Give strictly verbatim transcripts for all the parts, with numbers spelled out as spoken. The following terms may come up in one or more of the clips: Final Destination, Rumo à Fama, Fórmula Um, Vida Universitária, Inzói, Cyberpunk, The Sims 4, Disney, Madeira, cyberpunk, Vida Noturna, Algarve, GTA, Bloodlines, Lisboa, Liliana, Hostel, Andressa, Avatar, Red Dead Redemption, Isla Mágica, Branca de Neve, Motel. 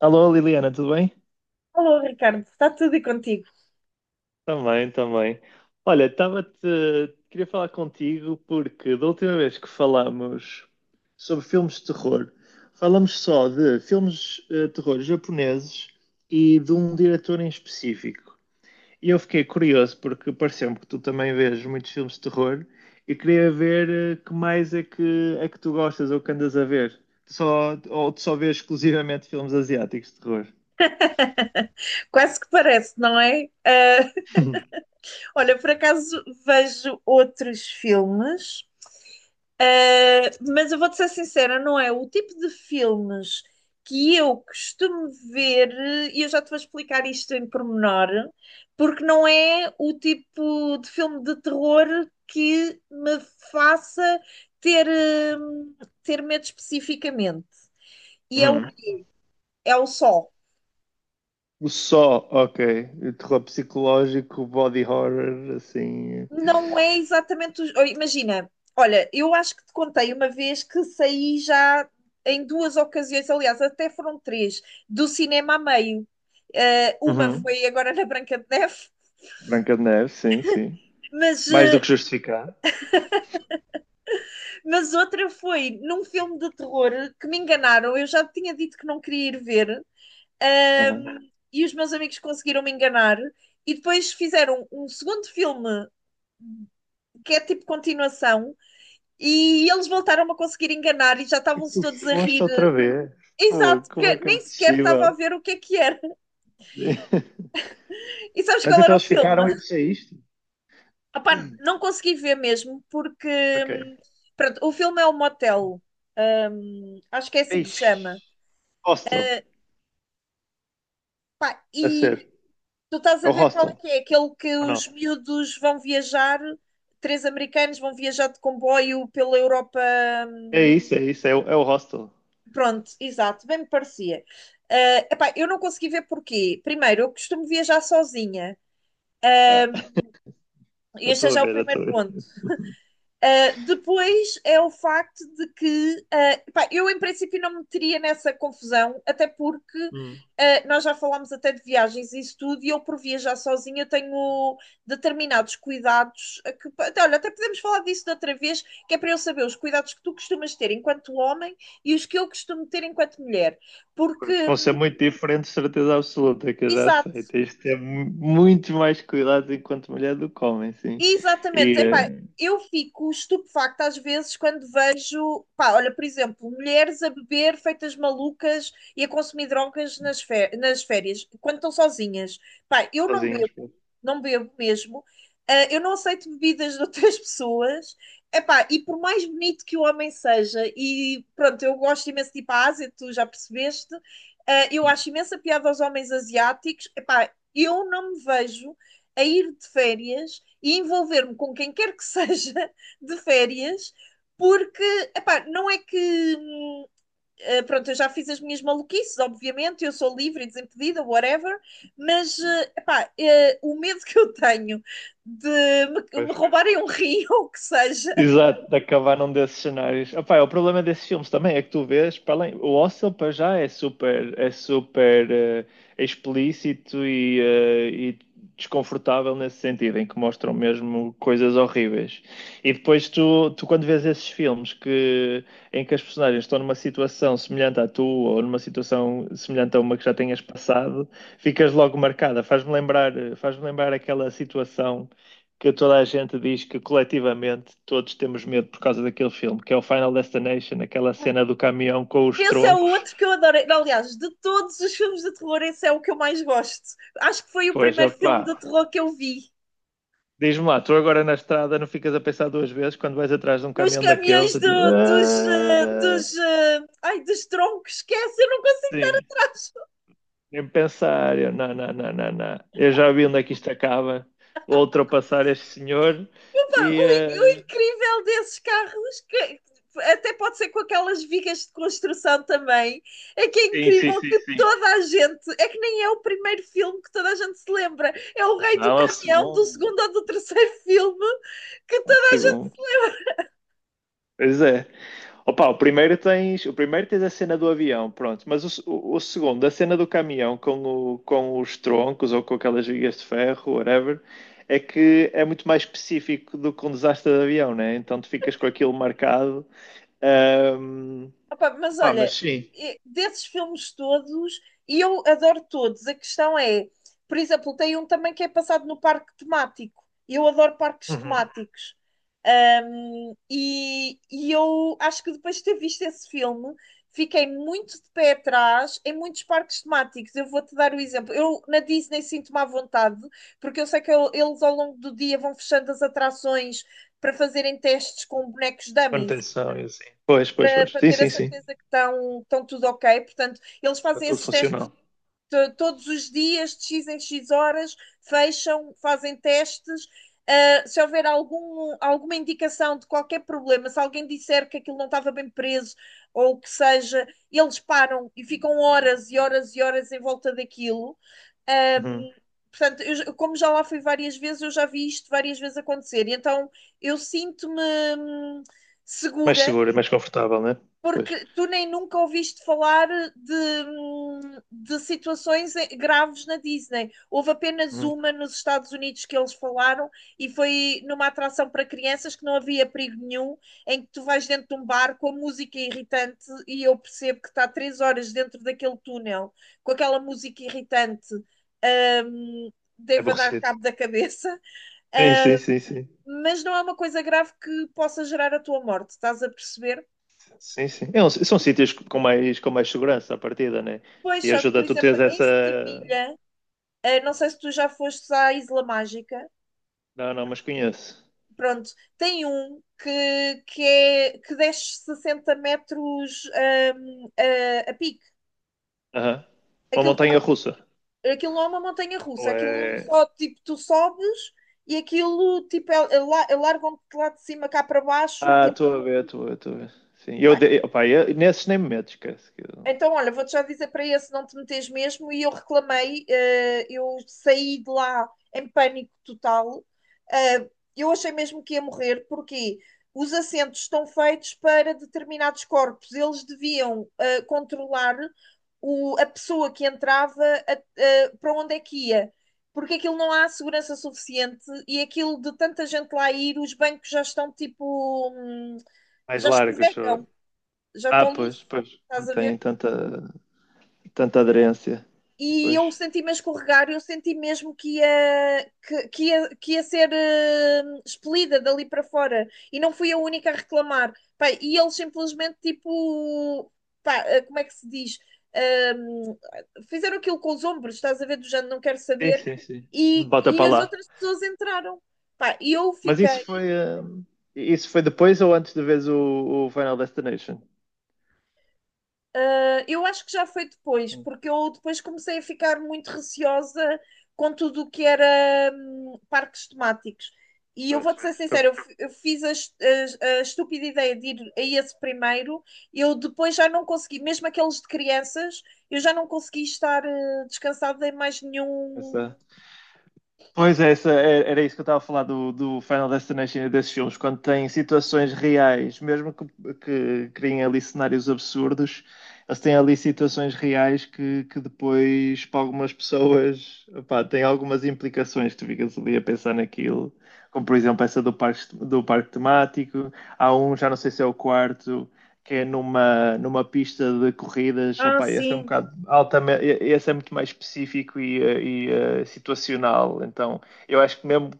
Alô, Liliana, tudo bem? Alô, Ricardo, está tudo e contigo? Também, também. Olha, estava-te. Queria falar contigo porque da última vez que falámos sobre filmes de terror, falamos só de filmes eh, de terror japoneses e de um diretor em específico. E eu fiquei curioso porque pareceu-me que tu também vês muitos filmes de terror e queria ver eh, que mais é que, é que tu gostas ou que andas a ver. Tu só, ou tu só vês exclusivamente filmes asiáticos de terror? Quase que parece, não é? Ah, olha, por acaso vejo outros filmes. ah, mas eu vou-te ser sincera, não é o tipo de filmes que eu costumo ver, e eu já te vou explicar isto em pormenor, porque não é o tipo de filme de terror que me faça ter, hum, ter medo especificamente. E é o, é o só. O Só, ok. O terror psicológico, body horror, assim. Não é exatamente. os- oh, Imagina, olha, eu acho que te contei uma vez que saí já em duas ocasiões, aliás, até foram três, do cinema a meio. Eh, uma Uhum. foi agora na Branca de Neve, Branca de Neve, sim, sim. mas, Mais do eh, que justificar. mas outra foi num filme de terror que me enganaram. Eu já tinha dito que não queria ir ver, Uhum. ahm, e os meus amigos conseguiram me enganar. E depois fizeram um segundo filme que é tipo continuação. E eles voltaram a conseguir enganar e já E estavam-se tu todos a foste rir. outra vez. Pô, Exato, como porque é que é nem sequer estava a possível? ver o que é que era. E sabes Mas qual então era o eles filme? ficaram e tu saíste? Opá, não consegui ver mesmo, porque Ok. hum, pronto, o filme é o Motel. Hum, acho que é assim que se Ixi. chama. Hostel, Eh, pá, deve e ser. tu estás É a o ver qual é hostel, que é? Aquele que ou não? os miúdos vão viajar, três americanos vão viajar de comboio pela Europa. É hum, isso, é isso, é o, é o hostel. Pronto, exato, bem me parecia. Ah, epá, eu não consegui ver porquê. Primeiro, eu costumo viajar sozinha. Ah, E eu este é estou a já o ver, eu primeiro estou a ponto. ver. Ah, depois é o facto de que, ah, epá, eu em princípio não me meteria nessa confusão, até porque Hum. ah, nós já falámos até de viagens e isso tudo, e eu por viajar sozinha tenho determinados cuidados a que, até, olha, até podemos falar disso de outra vez, que é para eu saber os cuidados que tu costumas ter enquanto homem e os que eu costumo ter enquanto mulher. Porque Pois, vão ser muito diferentes, certeza absoluta, que eu já sei. exato, Tens de ter mu- muito mais cuidado enquanto mulher do que homem, sim. exatamente. E Epá, eh, eu fico estupefacta às vezes quando vejo, pá, olha, por exemplo, mulheres a beber feitas malucas e a consumir drogas nas, fé- nas férias, quando estão sozinhas. Pá, eu não sozinhas, bebo, pois. não bebo mesmo. Ah, eu não aceito bebidas de outras pessoas. Epá, e por mais bonito que o homem seja, e pronto, eu gosto imenso de ir para a Ásia, tu já percebeste. Ah, eu acho imensa piada aos homens asiáticos. Epá, eu não me vejo a ir de férias e envolver-me com quem quer que seja de férias, porque, epá, não é que. hum, eh, Pronto, eu já fiz as minhas maluquices, obviamente, eu sou livre e desimpedida, whatever, mas eh, epá, eh, o medo que eu tenho de me, me roubarem um rio ou o que seja. Exato, de acabar num desses cenários. Opá, é o problema desses filmes também é que tu vês, para além, o Hostel para já é super, é super eh, explícito e, eh, e desconfortável nesse sentido, em que mostram mesmo coisas horríveis. E depois tu, tu quando vês esses filmes que, em que as personagens estão numa situação semelhante à tua ou numa situação semelhante a uma que já tenhas passado, ficas logo marcada. Faz-me lembrar, faz-me lembrar aquela situação que toda a gente diz que coletivamente todos temos medo por causa daquele filme, que é o Final Destination, aquela cena do caminhão com os Esse é o troncos. outro que eu adorei. Aliás, de todos os filmes de terror, esse é o que eu mais gosto. Acho que foi o Pois, primeiro opá, filme de terror que eu vi. diz-me lá, tu agora na estrada não ficas a pensar duas vezes quando vais atrás de um Nos caminhão daqueles? caminhões Eu digo, do- dos, eh, ah, dos, eh, ai, dos troncos, esquece, eu não consigo sim, dar desculpa. nem pensar, eu, não, não, não, não, não. Eu já vi onde é que isto acaba, vou ultrapassar este senhor O, in- o e... ah, incrível desses carros, que até pode ser com aquelas vigas de construção também, é que é sim, sim, incrível sim, que sim. toda a gente, é que nem é o primeiro filme que toda a gente se lembra, é o rei do Não, ao caminhão do segundo, segundo ou do terceiro filme, que ao toda a... segundo. Pois é. Opa, o primeiro tens, o primeiro tens a cena do avião, pronto. Mas o, se- o, o segundo, a cena do caminhão com, o, com os troncos ou com aquelas vigas de ferro, whatever, é que é muito mais específico do que um desastre de avião, né? Então tu ficas com aquilo marcado. Ahm, Opa, mas Opa, mas olha, sim. e- desses filmes todos, e eu adoro todos, a questão é, por exemplo, tem um também que é passado no parque temático. Eu adoro parques Uhum. temáticos. Um, e e eu acho que depois de ter visto esse filme, fiquei muito de pé atrás em muitos parques temáticos. Eu vou-te dar o exemplo. Eu na Disney sinto-me à vontade, porque eu sei que eu- eles ao longo do dia vão fechando as atrações para fazerem testes com bonecos dummies Manutenção e assim. Pois, pois, para, pois. para Sim, ter a sim, sim. certeza que estão, estão tudo ok. Portanto, eles Está fazem tudo esses testes funcional. to- todos os dias, de X em X horas, fecham, fazem testes. Ah, se houver algum, alguma indicação de qualquer problema, se alguém disser que aquilo não estava bem preso ou o que seja, eles param e ficam horas e horas e horas em volta daquilo. Ahm, Uhum. Portanto, eu já- como já lá fui várias vezes, eu já vi isto várias vezes acontecer. E então eu sinto-me hum, Mais segura seguro, mais confortável, né? Pois. porque tu nem nunca ouviste falar de, de situações graves na Disney. Houve apenas Uhum. uma nos Estados Unidos que eles falaram e foi numa atração para crianças que não havia perigo nenhum, em que tu vais dentro de um bar com a música irritante e eu percebo que está três horas dentro daquele túnel com aquela música irritante. Um, É Deva dar aborrecido. cabo da cabeça, Sim, sim, uh, sim, sim. mas não é uma coisa grave que possa gerar a tua morte, estás a perceber? Sim, sim. É um- são sítios com mais, com mais, segurança à partida, né? Pois, E só que, por ajuda tu exemplo, teres em essa. Sevilha, eh, não sei se tu já fostes à Isla Mágica, Não, não, mas conheço. pronto, tem um que, que, é, que desce sessenta metros ahm, a, a pique. Aham. Uma Aquilo, montanha tá, russa. aquilo não é uma montanha russa, Ou aquilo é. só, tipo, tu sobes e aquilo, tipo, é- é la- largam-te lá de cima cá para baixo, Ah, tipo, estou a ver, estou a ver, estou a ver. Sim. Eu, pá, de... Opa, eu- nesses nem me meto, esquece. Que eu- então, olha, vou-te já dizer para esse não te meteres mesmo. E eu reclamei, eh, eu saí de lá em pânico total. Eh, eu achei mesmo que ia morrer, porque os assentos estão feitos para determinados corpos. Eles deviam eh, controlar o- a pessoa que entrava a- eh, para onde é que ia. Porque aquilo não há segurança suficiente e aquilo de tanta gente lá ir, os bancos já estão tipo, hum, Mais já largos. escorregam, Ou- já Ah, estão pois, lisos, pois. Não estás a tem ver? tanta, tanta, aderência. E eu Pois. senti-me a escorregar, eu senti mesmo que ia, que, que ia, que ia ser eh, expelida dali para fora e não fui a única a reclamar. Pá, e eles simplesmente, tipo, pá, eh, como é que se diz? Ahm, Fizeram aquilo com os ombros, estás a ver, do género, não quero Sim, saber, sim, sim. e, Bota e para as lá. outras pessoas entraram. Pá, e eu Mas fiquei. isso foi. eh, Isso foi depois ou antes de veres o, o Final Destination? Ah, eu acho que já foi depois, Hum. porque eu depois comecei a ficar muito receosa com tudo o que era hum, parques temáticos. E eu Pois. vou-te ser Então, sincera, eu, fi- eu fiz a, es- a- a estúpida ideia de ir a esse primeiro, eu depois já não consegui, mesmo aqueles de crianças, eu já não consegui estar eh, descansada em mais nenhum. essa- Pois é, essa, é- era isso que eu estava a falar do, do Final Destination e desses filmes, quando tem situações reais, mesmo que, que criem ali cenários absurdos, eles têm ali situações reais que, que depois, para algumas pessoas, opá, têm algumas implicações que tu ficas ali a pensar naquilo, como por exemplo essa do parque, do parque, temático, há um, já não sei se é o quarto, que é numa, numa pista de corridas, Ah, opa, esse é um sim. bocado altamente, esse é muito mais específico e, eh, e uh, situacional, então eu acho que mesmo,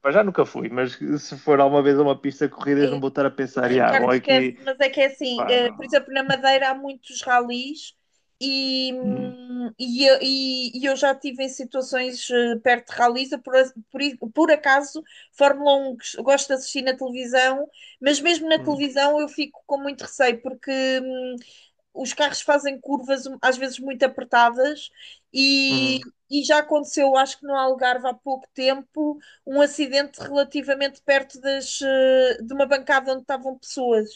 para já nunca fui, mas se for alguma vez a uma pista de corridas não vou estar a pensar, ah, Ricardo bom, esquece, aqui, mas é que é assim, pá, eh, por não. exemplo, na Madeira há muitos ralis e, Hum, hum, e, eu- e- e eu já estive em situações eh, perto de ralis, eu por, a- por i- por acaso, Fórmula Um gos- gosto de assistir na televisão, mas mesmo na hum, televisão eu fico com muito receio, porque hum, os carros fazem curvas um, às vezes muito apertadas e, hum, e já aconteceu, acho que no Algarve há pouco tempo, um acidente relativamente perto das, eh, de uma bancada onde estavam pessoas.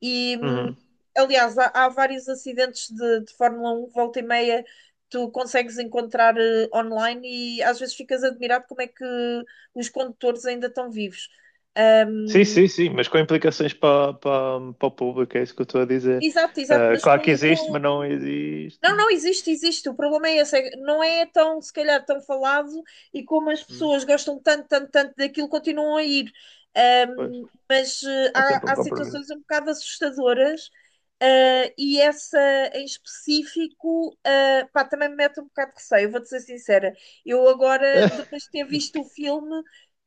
E, hum, hum. Aliás, há, há vários acidentes de, de Fórmula Um, volta e meia, tu consegues encontrar eh, online e às vezes ficas admirado como é que os condutores ainda estão vivos. Hum, Sim, sim, sim, mas com implicações para, para, para o público, é isso que eu estou a dizer. Exato, exato, Uh, mas Claro que com, existe, com mas não existe. não, não, existe, existe. O problema é esse. É que não é tão, se calhar, tão falado e como as Hum, pessoas gostam tanto, tanto, tanto daquilo, continuam a ir. Pois, Ahm, mas eh, é sempre um há, há situações compromisso. um bocado assustadoras, eh, e essa em específico, eh, pá, também me mete um bocado de receio, vou-te ser sincera. Eu agora, depois de ter visto o filme,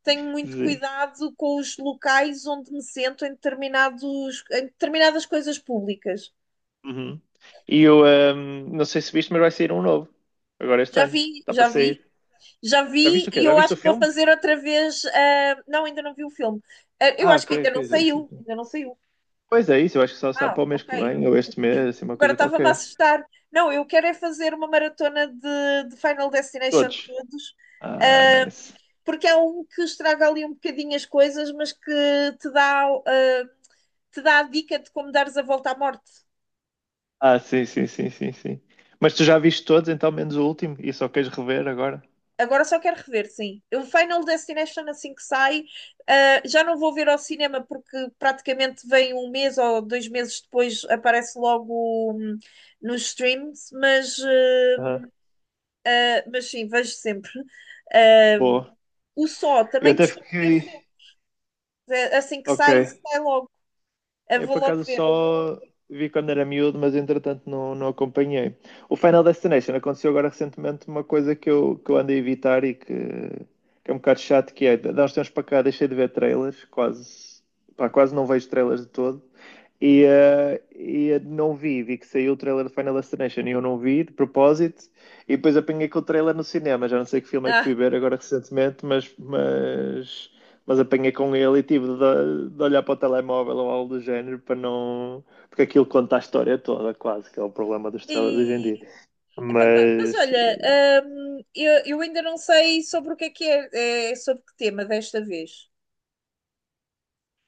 tenho muito Sim. cuidado com os locais onde me sento em determinados, em determinadas coisas públicas. Uhum. E eu ahm, não sei se viste, mas vai sair um novo. Agora este Já ano. vi, Está para já vi. sair. Já Já vi viste o quê? e Já eu viste acho o que vou filme? fazer outra vez. Ah, não, ainda não vi o filme. Ah, eu Ah, acho ok, que ainda não ok, já viste o saiu. filme. Ainda não saiu. Pois é isso, eu acho que só sai Ah, para o mês que ok. vem, ou este mês, assim, uma Agora coisa estava-me a qualquer. assustar. Não, eu quero é fazer uma maratona de, de Final Destination Todos. todos. Ah, ah, nice. Porque há um que estraga ali um bocadinho as coisas, mas que te dá, ah, te dá a dica de como dares a volta à morte. Ah, sim, sim, sim, sim, sim. Mas tu já viste todos, então, menos o último, e só queres rever agora? Agora só quero rever, sim. O Final Destination, assim que sai, ah, já não vou ver ao cinema porque praticamente vem um mês ou dois meses depois, aparece logo hum, nos streams, mas, Aham. ah, mas sim, vejo sempre. Ah, Boa. o Só Eu também até costumo ver fiquei. sempre. É, assim que Ok. sai, sai logo. Eu Eu vou por logo acaso ver. só vi quando era miúdo, mas entretanto não, não acompanhei. O Final Destination aconteceu agora recentemente uma coisa que eu, que eu ando a evitar e que, que é um bocado chato, que é, nós temos para cá, deixei de ver trailers, quase, pá, quase não vejo trailers de todo. E, eh, e não vi, vi que saiu o trailer de Final Destination e eu não vi, de propósito, e depois apanhei com o trailer no cinema. Já não sei que filme é que Ah, fui ver agora recentemente, mas, mas, mas, apanhei com ele e tive de, de olhar para o telemóvel ou algo do género para não. Porque aquilo conta a história toda, quase, que é o problema dos trailers hoje em dia. e- Epá, ma- mas Mas, olha, hum, eu, eu ainda não sei sobre o que é que é, é sobre que tema desta vez.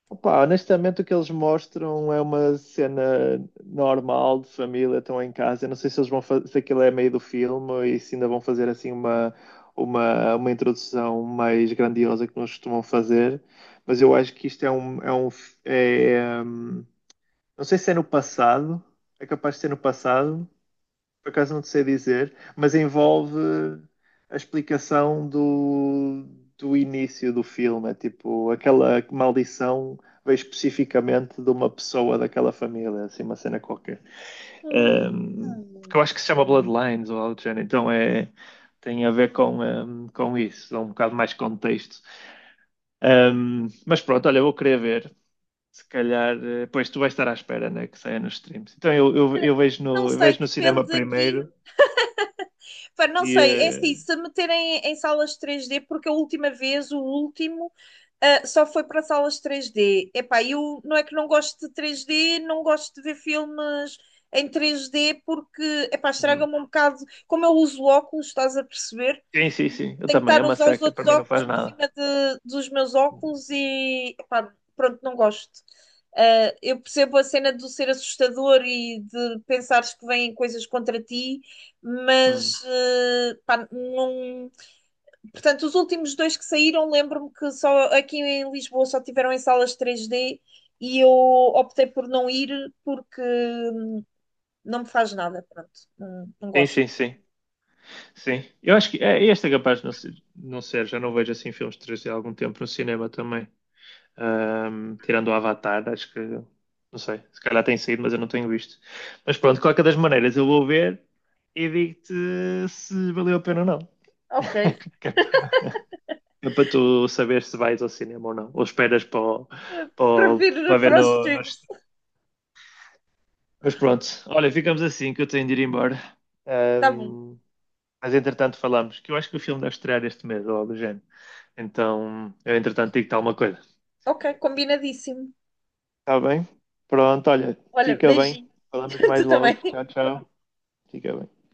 Opa, honestamente, o que eles mostram é uma cena normal de família, estão em casa. Eu não sei se eles vão fazer, se aquilo é meio do filme e se ainda vão fazer assim uma, uma, uma introdução mais grandiosa que nós costumam fazer, mas eu acho que isto é um, é um, é, hum, não sei se é no passado, é capaz de ser no passado, por acaso não te sei dizer, mas envolve a explicação do, do, início do filme. É tipo, aquela maldição veio especificamente de uma pessoa daquela família, assim, uma cena qualquer. Hum. Um, porque eu acho que se chama Bloodlines ou algo do género, então é. Tem a ver com, um, com isso, dá um bocado mais contexto. Um, mas pronto, olha, eu vou querer ver se calhar, eh, pois tu vais estar à espera, né, que saia nos streams. Então eu, eu, eu vejo, Não no, eu sei, vejo no cinema depende aqui. primeiro. Pá, não e, sei, é assim, eh, se meterem em salas três D, porque a última vez, o último, ah, só foi para salas três D. Epá, eu não é que não gosto de três D, não gosto de ver filmes em três D, porque, epá, Uhum. estraga-me um bocado. Como eu uso óculos, estás a perceber? Sim, sim, sim. Eu Tenho que também. É estar a uma usar os seca. outros Para mim não óculos faz por cima nada. de- dos meus óculos e, epá, pronto, não gosto. Uh, eu percebo a cena de ser assustador e de pensares que vêm coisas contra ti, mas Uhum. uh, pá, não... Portanto, os últimos dois que saíram, lembro-me que só aqui em Lisboa só tiveram em salas três D e eu optei por não ir porque não me faz nada, pronto, não, não Sim, gosto. sim, sim. Sim. Eu acho que é, este é capaz de não ser, não ser. Já não vejo assim filmes de três D há algum tempo no cinema também. Ahm, tirando o Avatar, acho que. Não sei. Se calhar tem saído, mas eu não tenho visto. Mas pronto, de qualquer das maneiras, eu vou ver e digo-te se valeu a pena ou não. Ok, Que é para que é para tu saber se vais ao cinema ou não. Ou esperas para, o- para, o- para prefiro ver para os no, no. streams. Mas pronto, olha, ficamos assim que eu tenho de ir embora. Tá bom, Ahm, mas entretanto falamos, que eu acho que o filme deve estrear este mês, ou algo do género. Então, eu entretanto digo-te alguma coisa. ok, combinadíssimo. Está bem? Pronto, olha, Olha, fica bem. beijinho, Falamos mais tu logo. também. Tchau, tchau. Fica bem.